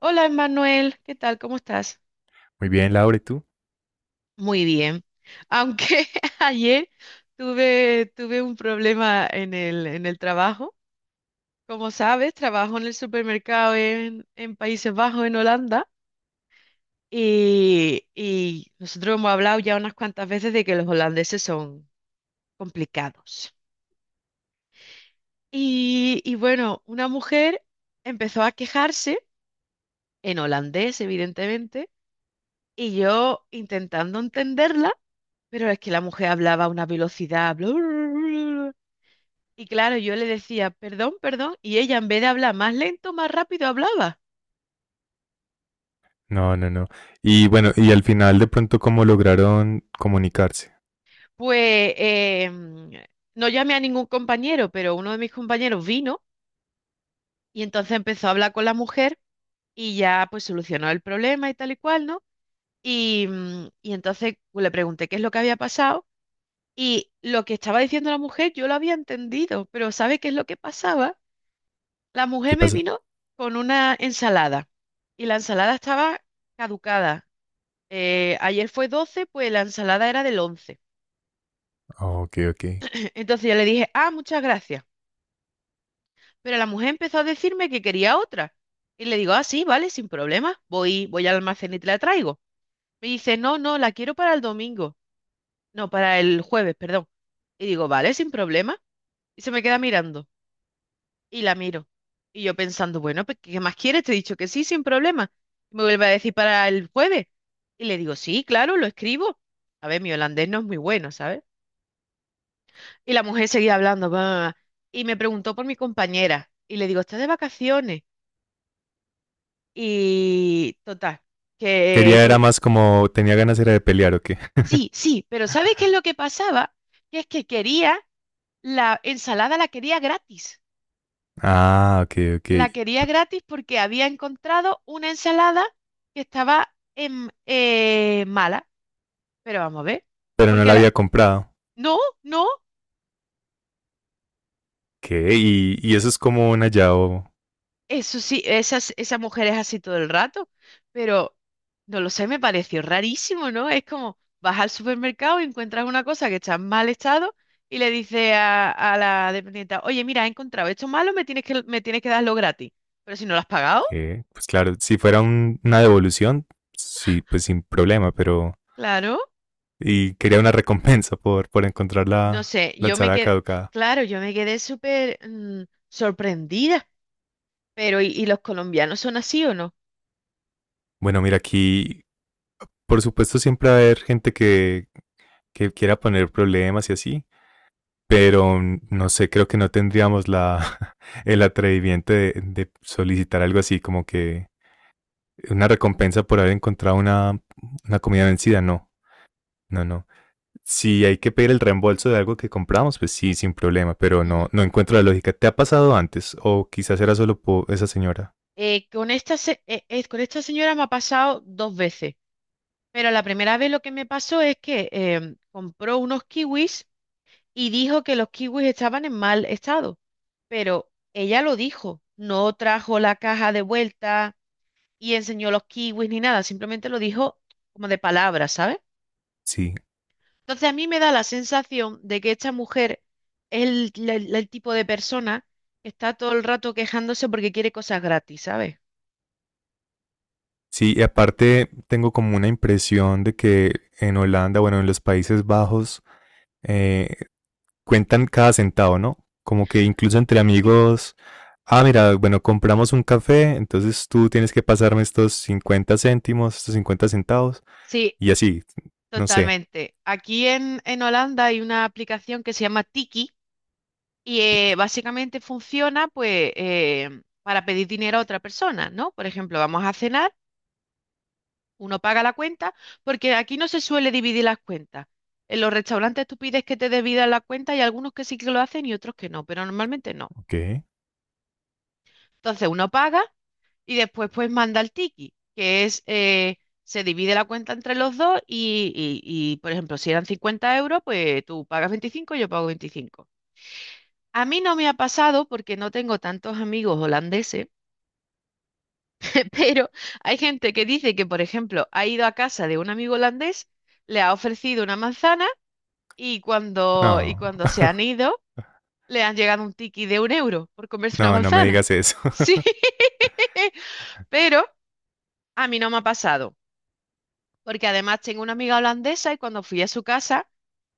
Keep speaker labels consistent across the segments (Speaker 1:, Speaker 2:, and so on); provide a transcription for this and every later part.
Speaker 1: Hola, Emanuel, ¿qué tal? ¿Cómo estás?
Speaker 2: Muy bien, Laura, ¿y tú?
Speaker 1: Muy bien. Aunque ayer tuve un problema en el trabajo. Como sabes, trabajo en el supermercado en Países Bajos, en Holanda, y nosotros hemos hablado ya unas cuantas veces de que los holandeses son complicados. Y bueno, una mujer empezó a quejarse, en holandés, evidentemente. Y yo intentando entenderla, pero es que la mujer hablaba a una velocidad, bla, bla, bla, bla. Y claro, yo le decía, perdón, perdón, y ella en vez de hablar más lento, más rápido hablaba.
Speaker 2: No, no, no. Y bueno, y al final de pronto, ¿cómo lograron comunicarse?
Speaker 1: Pues no llamé a ningún compañero, pero uno de mis compañeros vino y entonces empezó a hablar con la mujer y ya pues solucionó el problema y tal y cual, ¿no? Y entonces pues le pregunté qué es lo que había pasado, y lo que estaba diciendo la mujer yo lo había entendido, pero ¿sabe qué es lo que pasaba? La mujer
Speaker 2: ¿Qué
Speaker 1: me
Speaker 2: pasó?
Speaker 1: vino con una ensalada y la ensalada estaba caducada. Ayer fue 12, pues la ensalada era del 11.
Speaker 2: Ah, ok, ok.
Speaker 1: Entonces yo le dije, ah, muchas gracias. Pero la mujer empezó a decirme que quería otra. Y le digo, ah, sí, vale, sin problema. Voy al almacén y te la traigo. Me dice, no, no, la quiero para el domingo. No, para el jueves, perdón. Y digo, vale, sin problema. Y se me queda mirando y la miro. Y yo pensando, bueno, pues ¿qué más quieres? Te he dicho que sí, sin problema. Me vuelve a decir para el jueves. Y le digo, sí, claro, lo escribo. A ver, mi holandés no es muy bueno, ¿sabes? Y la mujer seguía hablando, va, y me preguntó por mi compañera. Y le digo, ¿estás de vacaciones? Y total, que,
Speaker 2: Quería, era
Speaker 1: que
Speaker 2: más como, tenía ganas era de pelear, ¿o qué?
Speaker 1: sí, sí, pero ¿sabes qué es lo que pasaba? Que es que quería la ensalada, la quería gratis.
Speaker 2: Ah, ok, ok.
Speaker 1: La quería gratis porque había encontrado una ensalada que estaba mala. Pero vamos a ver.
Speaker 2: Pero no
Speaker 1: Porque
Speaker 2: la
Speaker 1: la...
Speaker 2: había comprado.
Speaker 1: No, no.
Speaker 2: ¿Qué? Y eso es como un hallado.
Speaker 1: Eso sí, esa mujer es así todo el rato. Pero no lo sé, me pareció rarísimo, ¿no? Es como vas al supermercado y encuentras una cosa que está en mal estado y le dices a la dependienta, oye, mira, he encontrado esto malo, me tienes que darlo gratis. Pero si no lo has pagado,
Speaker 2: ¿Qué? Pues claro, si fuera una devolución, sí, pues sin problema, pero.
Speaker 1: claro.
Speaker 2: Y quería una recompensa por encontrar
Speaker 1: No
Speaker 2: la,
Speaker 1: sé,
Speaker 2: la
Speaker 1: yo me
Speaker 2: ensalada
Speaker 1: quedé,
Speaker 2: caducada.
Speaker 1: claro, yo me quedé súper sorprendida, pero y los colombianos son así o no?
Speaker 2: Bueno, mira, aquí, por supuesto, siempre va a haber gente que quiera poner problemas y así. Pero no sé, creo que no tendríamos la, el atrevimiento de solicitar algo así, como que una recompensa por haber encontrado una comida vencida, no, no, no. Si hay que pedir el reembolso de algo que compramos, pues sí, sin problema, pero no,
Speaker 1: Ujú.
Speaker 2: no encuentro la lógica. ¿Te ha pasado antes? O quizás era solo esa señora.
Speaker 1: Con esta señora me ha pasado dos veces, pero la primera vez lo que me pasó es que compró unos kiwis y dijo que los kiwis estaban en mal estado, pero ella lo dijo, no trajo la caja de vuelta y enseñó los kiwis ni nada, simplemente lo dijo como de palabras, ¿sabes?
Speaker 2: Sí.
Speaker 1: Entonces a mí me da la sensación de que esta mujer es el tipo de persona que está todo el rato quejándose porque quiere cosas gratis, ¿sabes?
Speaker 2: Sí, y aparte tengo como una impresión de que en Holanda, bueno, en los Países Bajos, eh, cuentan cada centavo, ¿no? Como que incluso entre
Speaker 1: Sí.
Speaker 2: amigos, ah, mira, bueno, compramos un café, entonces tú tienes que pasarme estos 50 céntimos, estos 50 centavos,
Speaker 1: Sí,
Speaker 2: y así, no sé.
Speaker 1: totalmente. Aquí en Holanda hay una aplicación que se llama Tiki y básicamente funciona pues para pedir dinero a otra persona, ¿no? Por ejemplo, vamos a cenar, uno paga la cuenta, porque aquí no se suele dividir las cuentas. En los restaurantes tú pides que te dividan la cuenta y algunos que sí que lo hacen y otros que no, pero normalmente no.
Speaker 2: ¿Qué?
Speaker 1: Entonces uno paga y después pues manda el tiki, que es, se divide la cuenta entre los dos y, por ejemplo, si eran 50 euros, pues tú pagas 25 y yo pago 25. A mí no me ha pasado porque no tengo tantos amigos holandeses, pero hay gente que dice que, por ejemplo, ha ido a casa de un amigo holandés, le ha ofrecido una manzana y
Speaker 2: No,
Speaker 1: cuando se han ido, le han llegado un tiki de 1 euro por comerse una
Speaker 2: no, no me
Speaker 1: manzana.
Speaker 2: digas eso.
Speaker 1: Sí, pero a mí no me ha pasado, porque además tengo una amiga holandesa y cuando fui a su casa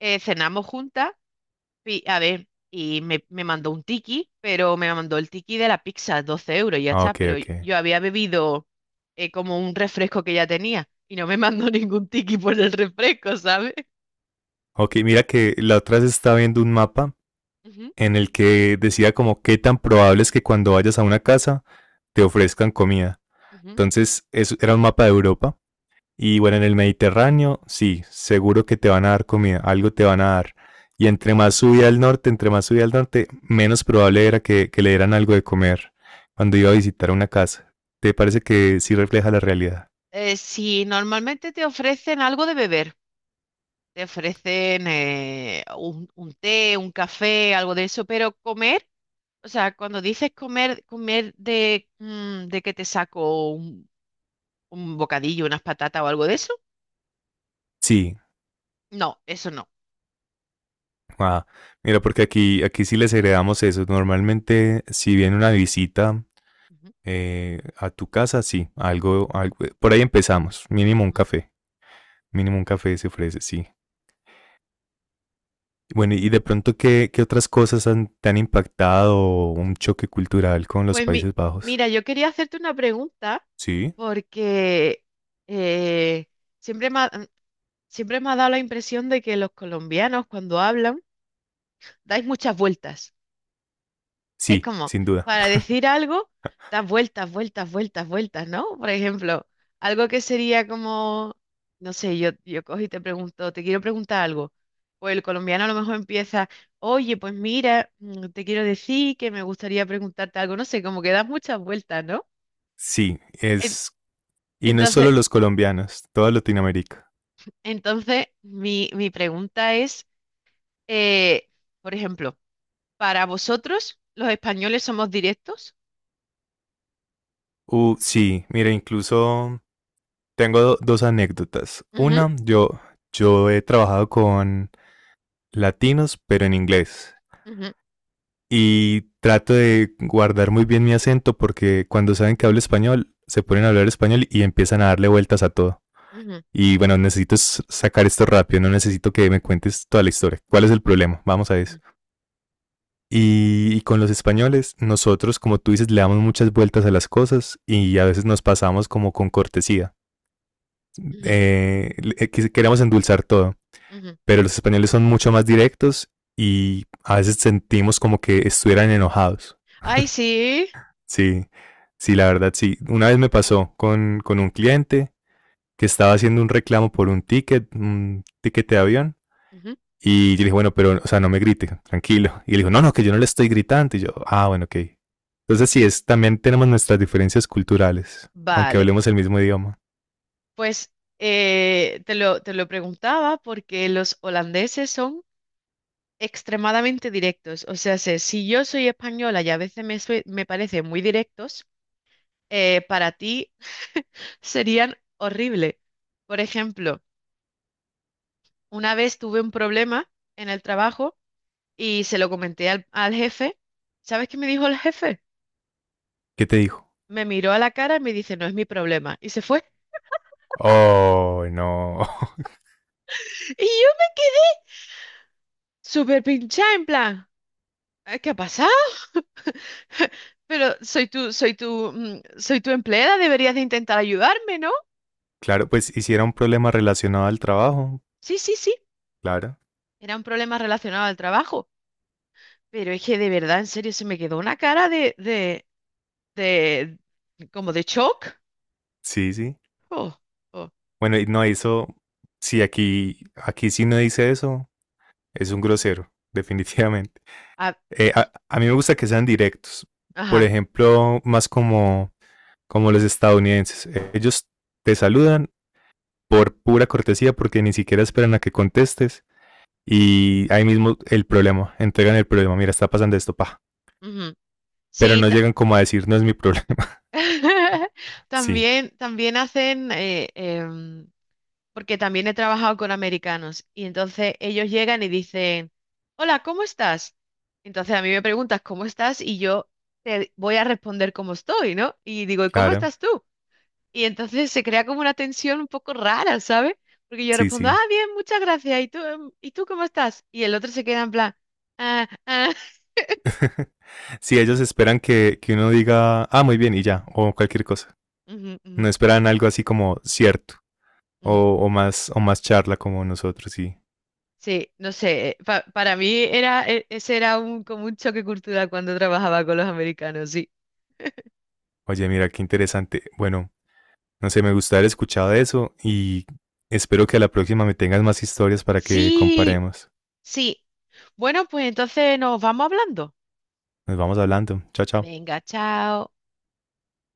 Speaker 1: cenamos juntas. Y, a ver, y me mandó un tiki, pero me mandó el tiki de la pizza, 12 euros y ya
Speaker 2: Ah,
Speaker 1: está.
Speaker 2: ok,
Speaker 1: Pero yo
Speaker 2: ok.
Speaker 1: yo había bebido como un refresco que ya tenía y no me mandó ningún tiki por el refresco, ¿sabes?
Speaker 2: Ok, mira que la otra vez estaba viendo un mapa
Speaker 1: Ujú,
Speaker 2: en el que decía como qué tan probable es que cuando vayas a una casa te ofrezcan comida.
Speaker 1: ujú.
Speaker 2: Entonces, eso era un mapa de Europa. Y bueno, en el Mediterráneo, sí, seguro que te van a dar comida, algo te van a dar. Y entre más subía al norte, entre más subía al norte, menos probable era que le dieran algo de comer cuando iba a visitar una casa. ¿Te parece que sí refleja la realidad?
Speaker 1: Si normalmente te ofrecen algo de beber, te ofrecen un té, un café, algo de eso, pero comer... O sea, cuando dices comer, comer de que te saco un bocadillo, unas patatas o algo de eso,
Speaker 2: Sí.
Speaker 1: no, eso no.
Speaker 2: Ah, mira, porque aquí, aquí sí les heredamos eso. Normalmente, si viene una visita,
Speaker 1: Ujú.
Speaker 2: A tu casa, sí, algo, por ahí empezamos,
Speaker 1: Ujú.
Speaker 2: mínimo un café se ofrece, sí. Bueno, y de pronto, ¿qué otras cosas te han impactado un choque cultural con los
Speaker 1: Pues
Speaker 2: Países Bajos?
Speaker 1: mira, yo quería hacerte una pregunta
Speaker 2: Sí,
Speaker 1: porque eh, siempre me ha, siempre me ha dado la impresión de que los colombianos cuando hablan dais muchas vueltas. Es
Speaker 2: sí,
Speaker 1: como,
Speaker 2: sin duda.
Speaker 1: para decir algo, das vueltas, vueltas, vueltas, vueltas, ¿no? Por ejemplo, algo que sería como, no sé, yo cojo y te pregunto, te quiero preguntar algo. Pues el colombiano a lo mejor empieza, oye, pues mira, mm, te quiero decir que me gustaría preguntarte algo, no sé, como que das muchas vueltas, ¿no?
Speaker 2: Sí,
Speaker 1: En-
Speaker 2: y no es solo
Speaker 1: Entonces,
Speaker 2: los colombianos, toda Latinoamérica.
Speaker 1: entonces, mi pregunta es, eh, por ejemplo, para vosotros, los españoles somos directos.
Speaker 2: Sí, mira, incluso tengo dos anécdotas.
Speaker 1: Ujú,
Speaker 2: Una, yo he trabajado con latinos, pero en inglés.
Speaker 1: ujú,
Speaker 2: Y trato de guardar muy bien mi acento porque cuando saben que hablo español, se ponen a hablar español y empiezan a darle vueltas a todo.
Speaker 1: ujú,
Speaker 2: Y bueno, necesito sacar esto rápido, no necesito que me cuentes toda la historia. ¿Cuál es el
Speaker 1: ujú,
Speaker 2: problema? Vamos a
Speaker 1: ujú,
Speaker 2: eso. Y con los españoles, nosotros, como tú dices, le damos muchas vueltas a las cosas y a veces nos pasamos como con cortesía.
Speaker 1: ujú.
Speaker 2: Queremos endulzar todo,
Speaker 1: Ujú.
Speaker 2: pero los españoles son mucho más directos y a veces sentimos como que estuvieran enojados.
Speaker 1: Ay, sí.
Speaker 2: Sí, sí, la verdad, sí. Una vez me pasó con un cliente que estaba haciendo un reclamo por un ticket de avión.
Speaker 1: Ujú.
Speaker 2: Y yo le dije, bueno, pero, o sea, no me grite, tranquilo. Y él dijo, no, no, que yo no le estoy gritando. Y yo, ah, bueno, ok. Entonces sí, también tenemos nuestras diferencias culturales, aunque
Speaker 1: Vale,
Speaker 2: hablemos el mismo idioma.
Speaker 1: pues te lo preguntaba porque los holandeses son extremadamente directos. O sea, si yo soy española y a veces me parecen muy directos, para ti serían horrible. Por ejemplo, una vez tuve un problema en el trabajo y se lo comenté al jefe. ¿Sabes qué me dijo el jefe?
Speaker 2: ¿Qué te dijo?
Speaker 1: Me miró a la cara y me dice, no es mi problema. Y se fue.
Speaker 2: Oh, no.
Speaker 1: Y yo, súper pinchada, en plan. ¿Qué ha pasado? Pero soy tu empleada, deberías de intentar ayudarme, ¿no?
Speaker 2: Claro, pues hiciera un problema relacionado al trabajo.
Speaker 1: Sí, sí, sí.
Speaker 2: Claro.
Speaker 1: Era un problema relacionado al trabajo. Pero es que de verdad, en serio, se me quedó una cara de, como de shock.
Speaker 2: Sí, sí.
Speaker 1: Oh, oh.
Speaker 2: Bueno, y no, eso, sí, aquí, aquí sí no dice eso. Es un grosero, definitivamente.
Speaker 1: Ah,
Speaker 2: Eh,
Speaker 1: y-
Speaker 2: a, a, mí me gusta que sean directos. Por
Speaker 1: ajá.
Speaker 2: ejemplo, más como los estadounidenses. Ellos te saludan por pura cortesía porque ni siquiera esperan a que contestes y ahí mismo el problema, entregan el problema, mira, está pasando esto, pa.
Speaker 1: Ujú.
Speaker 2: Pero
Speaker 1: Sí,
Speaker 2: no llegan como a decir, no es mi problema. Sí,
Speaker 1: también hacen, porque también he trabajado con americanos y entonces ellos llegan y dicen, hola, ¿cómo estás? Entonces a mí me preguntas, ¿cómo estás? Y yo te voy a responder cómo estoy, ¿no? Y digo, ¿y cómo
Speaker 2: claro.
Speaker 1: estás tú? Y entonces se crea como una tensión un poco rara, ¿sabes? Porque yo
Speaker 2: Sí,
Speaker 1: respondo, ah,
Speaker 2: sí.
Speaker 1: bien, muchas gracias. ¿Y tú cómo estás? Y el otro se queda en plan, ah, ah.
Speaker 2: Sí, ellos esperan que uno diga, ah, muy bien, y ya, o cualquier cosa.
Speaker 1: Ujú, ujú,
Speaker 2: No esperan algo así como cierto,
Speaker 1: ujú.
Speaker 2: o más charla como nosotros, sí.
Speaker 1: Sí, no sé, para mí era, ese era un, como un choque cultural cuando trabajaba con los americanos, sí.
Speaker 2: Oye, mira, qué interesante. Bueno, no sé, me gusta haber escuchado eso y espero que a la próxima me tengas más historias para que
Speaker 1: Sí,
Speaker 2: comparemos.
Speaker 1: sí. Bueno, pues entonces nos vamos hablando.
Speaker 2: Nos vamos hablando. Chao, chao.
Speaker 1: Venga, chao.